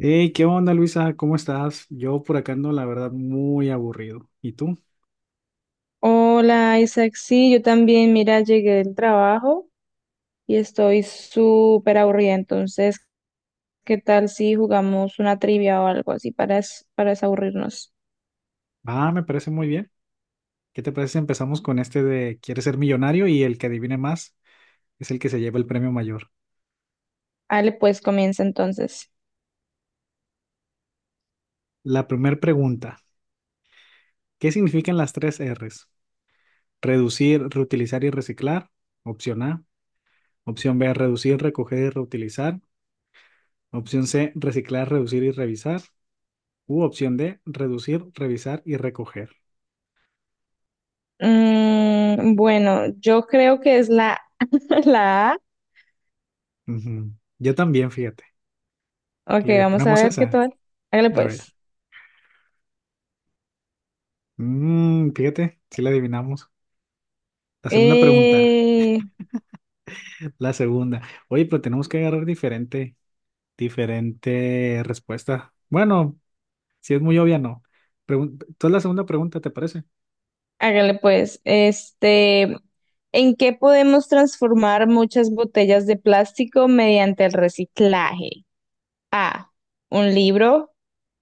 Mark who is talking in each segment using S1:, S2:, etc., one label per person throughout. S1: Hey, ¿qué onda, Luisa? ¿Cómo estás? Yo por acá ando, la verdad, muy aburrido. ¿Y tú?
S2: Hola Isaac, sí, yo también, mira, llegué del trabajo y estoy súper aburrida, entonces, ¿qué tal si jugamos una trivia o algo así para desaburrirnos?
S1: Ah, me parece muy bien. ¿Qué te parece si empezamos con este de ¿Quieres ser millonario? Y el que adivine más es el que se lleva el premio mayor.
S2: Ale, pues comienza entonces.
S1: La primera pregunta, ¿qué significan las tres R's? Reducir, reutilizar y reciclar. Opción A. Opción B, reducir, recoger y reutilizar. Opción C, reciclar, reducir y revisar. U opción D, reducir, revisar y recoger.
S2: Bueno, yo creo que es la, la A.
S1: Ujú. Yo también, fíjate.
S2: Ok,
S1: ¿Le
S2: vamos a
S1: ponemos
S2: ver qué
S1: esa?
S2: tal. Hágale
S1: A ver.
S2: pues.
S1: Mm, fíjate, sí la adivinamos. La segunda pregunta,
S2: Eh,
S1: la segunda. Oye, pero tenemos que agarrar diferente respuesta. Bueno, si es muy obvia, no. Entonces la segunda pregunta, ¿te parece?
S2: hágale pues. ¿en qué podemos transformar muchas botellas de plástico mediante el reciclaje? A, un libro,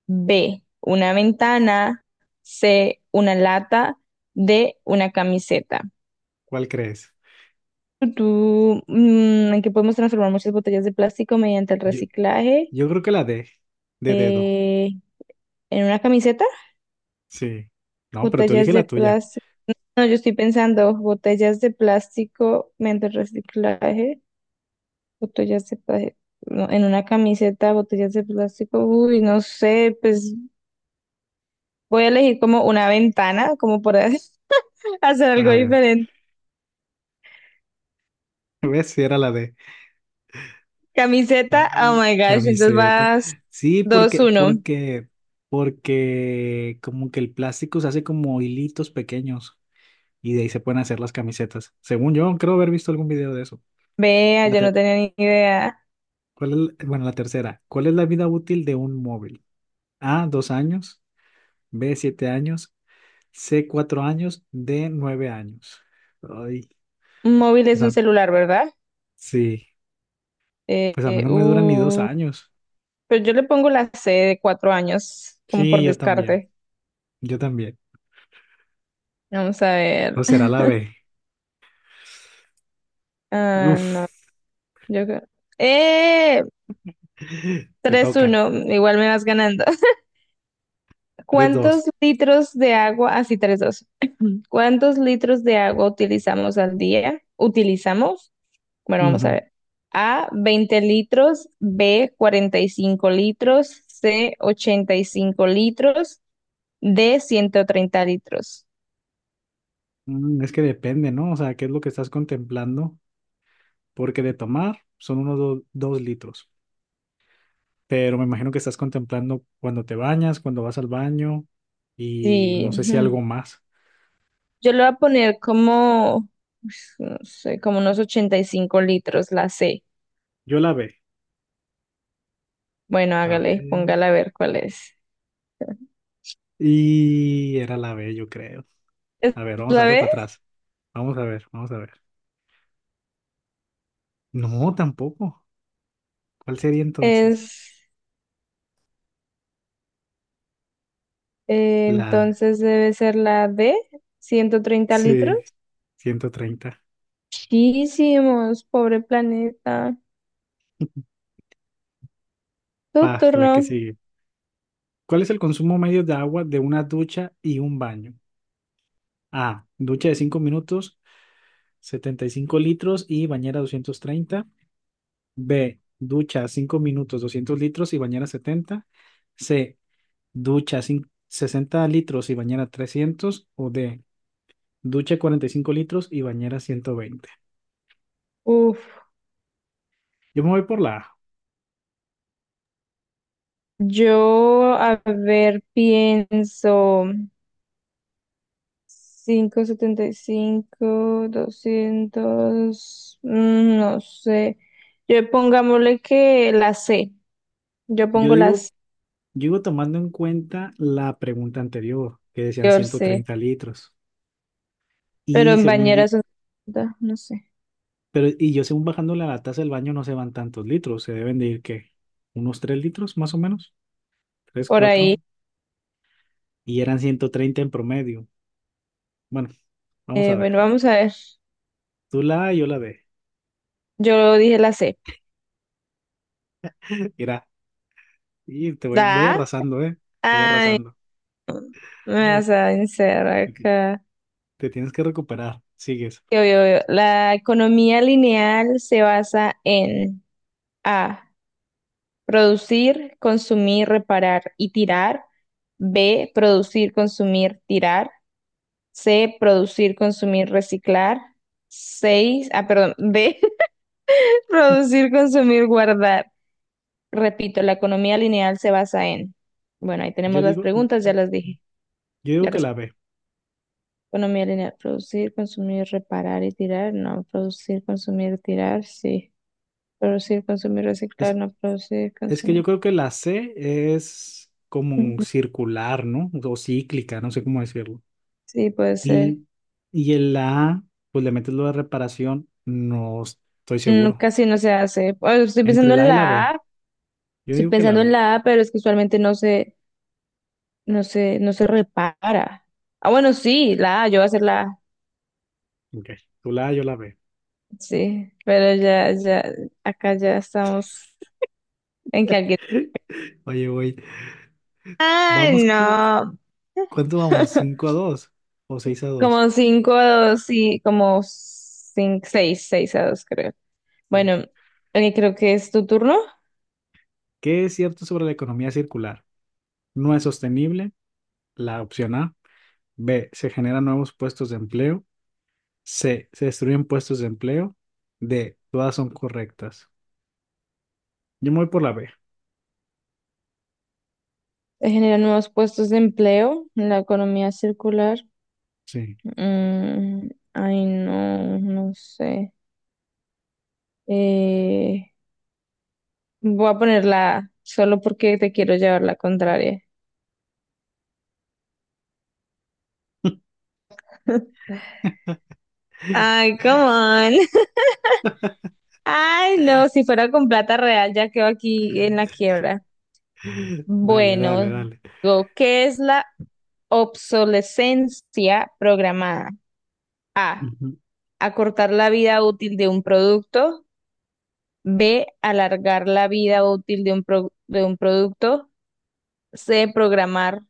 S2: B, una ventana, C, una lata, D, una camiseta.
S1: ¿Cuál crees?
S2: Tú, en que podemos transformar muchas botellas de plástico mediante el
S1: Yo,
S2: reciclaje.
S1: yo creo que la D, de dedo.
S2: Eh, ¿en una camiseta?
S1: Sí. No, pero tú elige
S2: Botellas de
S1: la tuya.
S2: plástico. No, yo estoy pensando botellas de plástico mediante el reciclaje. Botellas de plástico. ¿No? En una camiseta, botellas de plástico. Uy, no sé, pues voy a elegir como una ventana, como por ahí. Hacer
S1: A
S2: algo
S1: ver,
S2: diferente.
S1: ves si era la D. Ah,
S2: Camiseta, oh my gosh, entonces
S1: camiseta.
S2: vas
S1: Sí,
S2: dos
S1: porque,
S2: uno
S1: porque, porque como que el plástico se hace como hilitos pequeños. Y de ahí se pueden hacer las camisetas. Según yo, creo haber visto algún video de eso.
S2: Vea,
S1: La
S2: yo
S1: te-
S2: no tenía ni idea.
S1: ¿cuál es la tercera. ¿Cuál es la vida útil de un móvil? A, 2 años, B, 7 años, C, 4 años, D, 9 años. Ay,
S2: Un móvil es un
S1: da-
S2: celular, ¿verdad?
S1: sí,
S2: Eh,
S1: pues a mí
S2: eh,
S1: no me duran ni dos
S2: uh,
S1: años.
S2: pero yo le pongo la C de 4 años, como
S1: Sí,
S2: por
S1: yo también,
S2: descarte.
S1: yo también.
S2: Vamos a
S1: O
S2: ver.
S1: será la B.
S2: Ah, no,
S1: Uf,
S2: yo creo. eh
S1: te
S2: tres
S1: toca.
S2: uno igual me vas ganando.
S1: Tres,
S2: ¿Cuántos
S1: dos.
S2: litros de agua? Así, 3-2. ¿Cuántos litros de agua utilizamos al día? ¿Utilizamos? Bueno, vamos a
S1: Ujú.
S2: ver. A, 20 litros, B, 45 litros, C, 85 litros, D, 130 litros.
S1: Mm, es que depende, ¿no? O sea, ¿qué es lo que estás contemplando? Porque de tomar son unos dos litros. Pero me imagino que estás contemplando cuando te bañas, cuando vas al baño y
S2: Sí,
S1: no sé si
S2: ujú.
S1: algo más.
S2: Yo le voy a poner como, pues, no sé, como unos 85 litros, la C.
S1: Yo la B,
S2: Bueno,
S1: a
S2: hágale,
S1: ver,
S2: póngala a ver cuál es.
S1: y era la B, yo creo.
S2: ¿Es
S1: A ver, vamos a
S2: la
S1: darle para
S2: B?
S1: atrás. Vamos a ver, vamos a ver. No, tampoco. ¿Cuál sería entonces?
S2: Es,
S1: La D.
S2: entonces debe ser la D, 130 litros.
S1: Sí, 130.
S2: Muchísimos, pobre planeta. Tu
S1: Va, la
S2: turno.
S1: que sigue. ¿Cuál es el consumo medio de agua de una ducha y un baño? A. Ducha de 5 minutos, 75 litros y bañera 230. B. Ducha 5 minutos, 200 litros y bañera 70. C. Ducha 60 litros y bañera 300. O D. Ducha 45 litros y bañera 120.
S2: Uf.
S1: Yo me voy por la A.
S2: Yo, a ver, pienso 575, 200, no sé. Yo pongámosle que la C. Yo
S1: Yo
S2: pongo la
S1: digo,
S2: C,
S1: yo digo tomando en cuenta la pregunta anterior, que decían
S2: yo
S1: ciento
S2: C,
S1: treinta litros.
S2: pero
S1: Y
S2: en
S1: según yo,
S2: bañeras son 50, no sé.
S1: pero y yo según bajando la taza del baño no se van tantos litros, se deben de ir ¿qué? Unos 3 litros más o menos, tres
S2: Por
S1: cuatro.
S2: ahí.
S1: Y eran 130 en promedio. Bueno, vamos a ver.
S2: Bueno, vamos a ver.
S1: Tú la A, yo la B.
S2: Yo dije la C.
S1: Mira, y voy
S2: ¿Da?
S1: arrasando, ¿eh? Voy
S2: Ay,
S1: arrasando.
S2: me vas a vencer
S1: Te, ti-
S2: acá.
S1: te tienes que recuperar. Sigues.
S2: Yo. La economía lineal se basa en A. Producir, consumir, reparar y tirar. B. Producir, consumir, tirar. C. Producir, consumir, reciclar. 6. Ah, perdón. D. Producir, consumir, guardar. Repito, la economía lineal se basa en. Bueno, ahí tenemos
S1: Yo
S2: las
S1: digo,
S2: preguntas, ya las dije.
S1: yo digo
S2: La
S1: que
S2: resp-
S1: la B.
S2: Economía lineal. Producir, consumir, reparar y tirar. No. Producir, consumir, tirar. Sí. Producir, consumir, reciclar.
S1: Es,
S2: No. Producir,
S1: es que yo
S2: consumir.
S1: creo que la C es como circular, ¿no? O cíclica, no sé cómo decirlo.
S2: Sí, puede ser.
S1: Y, y en la A, pues le metes lo de reparación, no estoy
S2: No,
S1: seguro.
S2: casi no se hace. Pues, Estoy
S1: Entre
S2: pensando
S1: la
S2: en
S1: A y la
S2: la
S1: B,
S2: A,
S1: yo
S2: estoy
S1: digo que la
S2: pensando en
S1: B.
S2: la A, pero es que usualmente no se repara. Ah, bueno, sí, la A, yo voy a hacer la A.
S1: Ok, tú la A, yo la B.
S2: Sí, pero ya, ya, acá ya estamos en que alguien.
S1: Oye, güey, vamos,
S2: Ay, no.
S1: ¿cuánto vamos? 5 a 2 o 6-2.
S2: Como 5-2, sí, como cinco, seis, 6-2, creo.
S1: Pues,
S2: Bueno, creo que es tu turno.
S1: ¿qué es cierto sobre la economía circular? No es sostenible. La opción A. B. Se generan nuevos puestos de empleo. C. Se destruyen puestos de empleo. D. Todas son correctas. Yo me voy por la B.
S2: Genera nuevos puestos de empleo, la economía circular.
S1: Sí.
S2: mm, Ay, no, no sé. Eh, Voy a poner la A, solo porque te quiero llevar la contraria. Ay, come on. Ay, no, si fuera con plata real ya quedo aquí en la quiebra.
S1: Dale, dale,
S2: Bueno,
S1: dale.
S2: digo, ¿qué es la obsolescencia programada? A,
S1: Ujú.
S2: acortar la vida útil de un producto. B, alargar la vida útil de de un producto. C, programar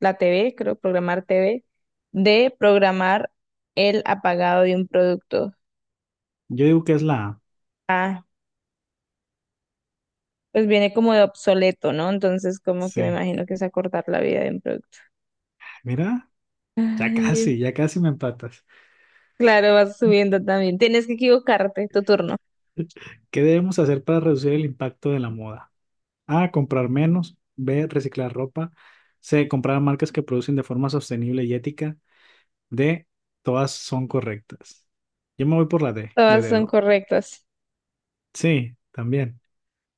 S2: la TV, creo, programar TV. D, programar el apagado de un producto.
S1: Yo digo que es la A.
S2: Ah, pues viene como de obsoleto, ¿no? Entonces, como que me
S1: Sí.
S2: imagino que es acortar la vida de un producto.
S1: Mira,
S2: Ay,
S1: ya casi me empatas.
S2: claro, vas subiendo también. Tienes que equivocarte, tu turno.
S1: ¿Qué debemos hacer para reducir el impacto de la moda? A, comprar menos. B, reciclar ropa. C, comprar marcas que producen de forma sostenible y ética. D, todas son correctas. Yo me voy por la D, de
S2: Todas son
S1: dedo.
S2: correctas.
S1: Sí, también.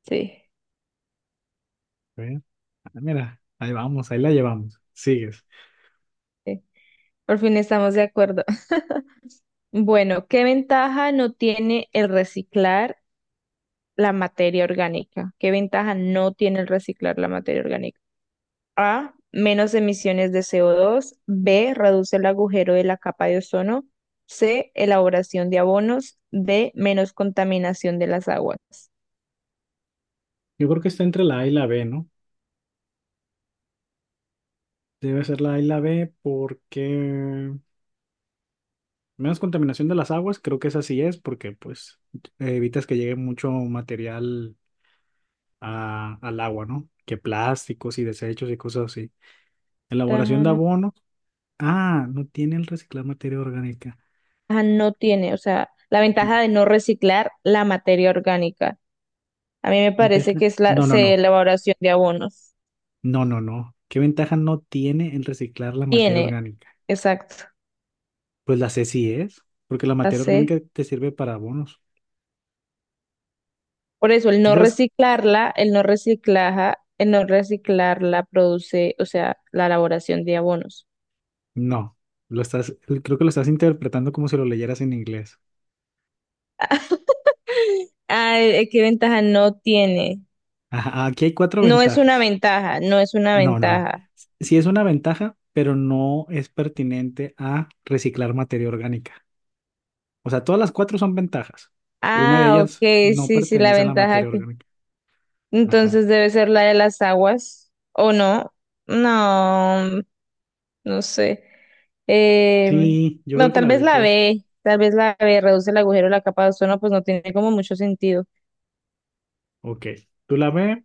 S2: Sí,
S1: A ver, ah, mira, ahí vamos, ahí la llevamos. Sigues.
S2: sí. Por fin estamos de acuerdo. Bueno, ¿qué ventaja no tiene el reciclar la materia orgánica? ¿Qué ventaja no tiene el reciclar la materia orgánica? A, menos emisiones de CO2. B, reduce el agujero de la capa de ozono. C, elaboración de abonos. D, menos contaminación de las aguas.
S1: Yo creo que está entre la A y la B, ¿no? Debe ser la A y la B porque menos contaminación de las aguas, creo que esa sí es, porque pues evitas que llegue mucho material al agua, ¿no? Que plásticos y desechos y cosas así. Elaboración
S2: Ventaja
S1: de
S2: no,
S1: abonos. Ah, no tiene el reciclar materia orgánica.
S2: ventaja no tiene, o sea, la ventaja de no reciclar la materia orgánica. A mí me
S1: ¿Qué
S2: parece
S1: ventaja?
S2: que es la
S1: No, no,
S2: C,
S1: no.
S2: elaboración de abonos.
S1: No, no, no. ¿Qué ventaja no tiene el reciclar la materia
S2: Tiene,
S1: orgánica?
S2: exacto,
S1: Pues la C sí es, porque la
S2: la
S1: materia
S2: C.
S1: orgánica te sirve para abonos.
S2: Por eso el no
S1: ¿Tienes?
S2: reciclarla, el no reciclaja, el no reciclarla produce, o sea, la elaboración de abonos.
S1: No. Lo estás, creo que lo estás interpretando como si lo leyeras en inglés.
S2: ¿qué ventaja no tiene?
S1: Ajá, aquí hay cuatro
S2: No es una
S1: ventajas.
S2: ventaja, no es una
S1: Ah, no, no, no.
S2: ventaja.
S1: Sí es una ventaja, pero no es pertinente a reciclar materia orgánica. O sea, todas las cuatro son ventajas, pero una de
S2: Ah, ok,
S1: ellas no
S2: sí, sí, la
S1: pertenece a la
S2: ventaja
S1: materia
S2: que.
S1: orgánica. Ajá.
S2: Entonces debe ser la de las aguas, ¿o no? No, no sé. Eh,
S1: Sí, yo
S2: no,
S1: creo que
S2: tal
S1: la
S2: vez
S1: D,
S2: la
S1: pues.
S2: B, tal vez la B reduce el agujero, la capa de ozono, pues no tiene como mucho sentido.
S1: Ok. Tú la B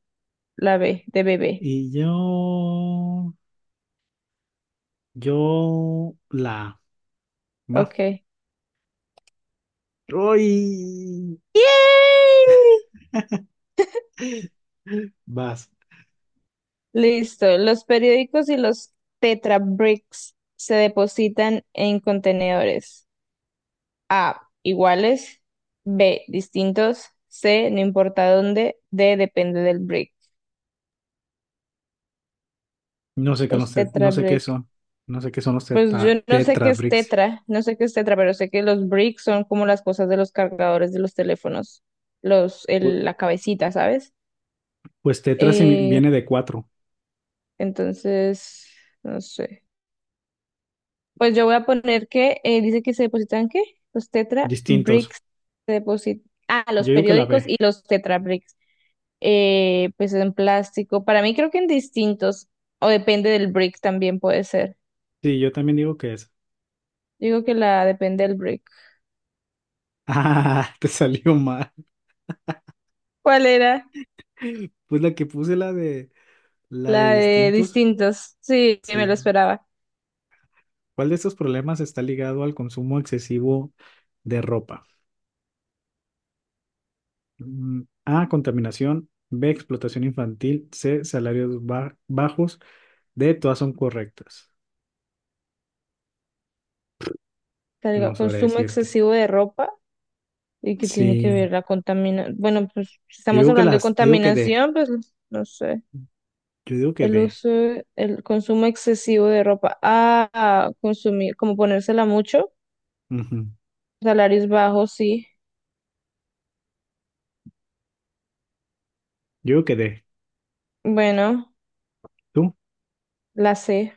S2: La B, de bebé.
S1: y yo. Yo la A. Va.
S2: Ok.
S1: ¡Uy!
S2: ¡Yay!
S1: Vas.
S2: Listo. Los periódicos y los Tetra Bricks se depositan en contenedores. A. Iguales. B. Distintos. C. No importa dónde. D. Depende del brick.
S1: No sé qué,
S2: Los
S1: los
S2: Tetra
S1: no sé qué
S2: Brick.
S1: son. No sé qué son los
S2: Pues yo
S1: teta-
S2: no sé qué
S1: tetra
S2: es
S1: bricks.
S2: Tetra, no sé qué es Tetra, pero sé que los bricks son como las cosas de los cargadores de los teléfonos,
S1: Pu-
S2: la cabecita, ¿sabes?
S1: Pues, tetra
S2: Eh,
S1: viene de cuatro
S2: entonces, no sé. Pues yo voy a poner que dice que se depositan ¿qué? Los Tetra
S1: distintos.
S2: Bricks se depositan. Ah, los
S1: Yo digo que la
S2: periódicos
S1: B.
S2: y los Tetra Bricks. Pues en plástico. Para mí creo que en distintos. O depende del brick también puede ser.
S1: Sí, yo también digo que es.
S2: Digo que la depende del brick.
S1: Ah, te salió mal.
S2: ¿Cuál era?
S1: Pues la que puse la de. La de
S2: La de
S1: distintos,
S2: distintos. Sí, me lo
S1: sí.
S2: esperaba.
S1: ¿Cuál de estos problemas está ligado al consumo excesivo de ropa? Mm, A, contaminación, B, explotación infantil, C, salarios bajos, D, todas son correctas. No sabré
S2: Consumo
S1: decirte.
S2: excesivo de ropa. ¿Y que tiene que ver
S1: Sí,
S2: la contaminación? Bueno, pues si estamos hablando de
S1: yo digo que D,
S2: contaminación, pues no sé.
S1: yo digo que
S2: El
S1: D,
S2: uso, el consumo excesivo de ropa. Ah, consumir, como ponérsela mucho.
S1: Ujú.
S2: Salarios bajos, sí.
S1: Yo digo que D.
S2: Bueno,
S1: ¿Tú?
S2: la C.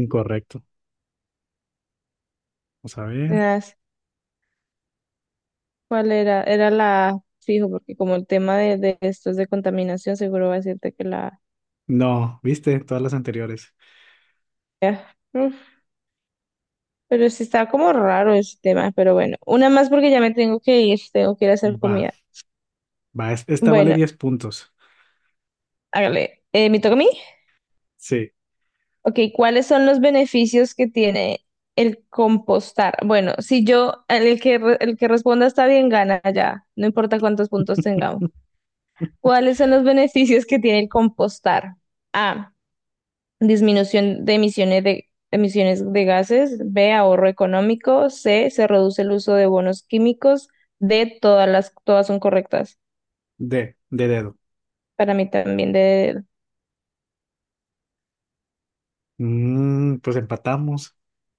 S1: Incorrecto. Vamos a ver.
S2: Las- ¿Cuál era? Era la A, fijo, porque como el tema de estos de contaminación, seguro va a decirte que la A.
S1: No, viste, todas las anteriores.
S2: Ya, uf, pero sí está como raro ese tema, pero bueno. Una más porque ya me tengo que ir a hacer
S1: Va,
S2: comida.
S1: va, esta vale
S2: Bueno,
S1: 10 puntos.
S2: hágale. ¿me toca a mí?
S1: Sí,
S2: Ok, ¿cuáles son los beneficios que tiene el compostar? Bueno, si yo, el que, re- el que responda está bien, gana ya, no importa cuántos puntos tengamos. ¿Cuáles son los beneficios que tiene el compostar? A, disminución de emisiones de gases. B, ahorro económico. C, se reduce el uso de bonos químicos. D, todas son correctas.
S1: D, de dedo.
S2: Para mí también,
S1: Mm, pues empatamos.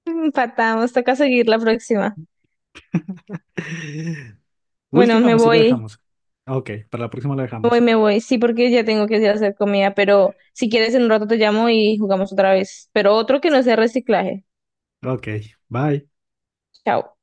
S2: empatamos, toca seguir la próxima. Bueno,
S1: Última,
S2: me
S1: pues sí lo
S2: voy.
S1: dejamos. Ok, para la próxima lo
S2: Me voy,
S1: dejamos.
S2: me voy. Sí, porque ya tengo que ir a hacer comida, pero si quieres en un rato te llamo y jugamos otra vez. Pero otro que no sea reciclaje.
S1: Ok, bye.
S2: Chao.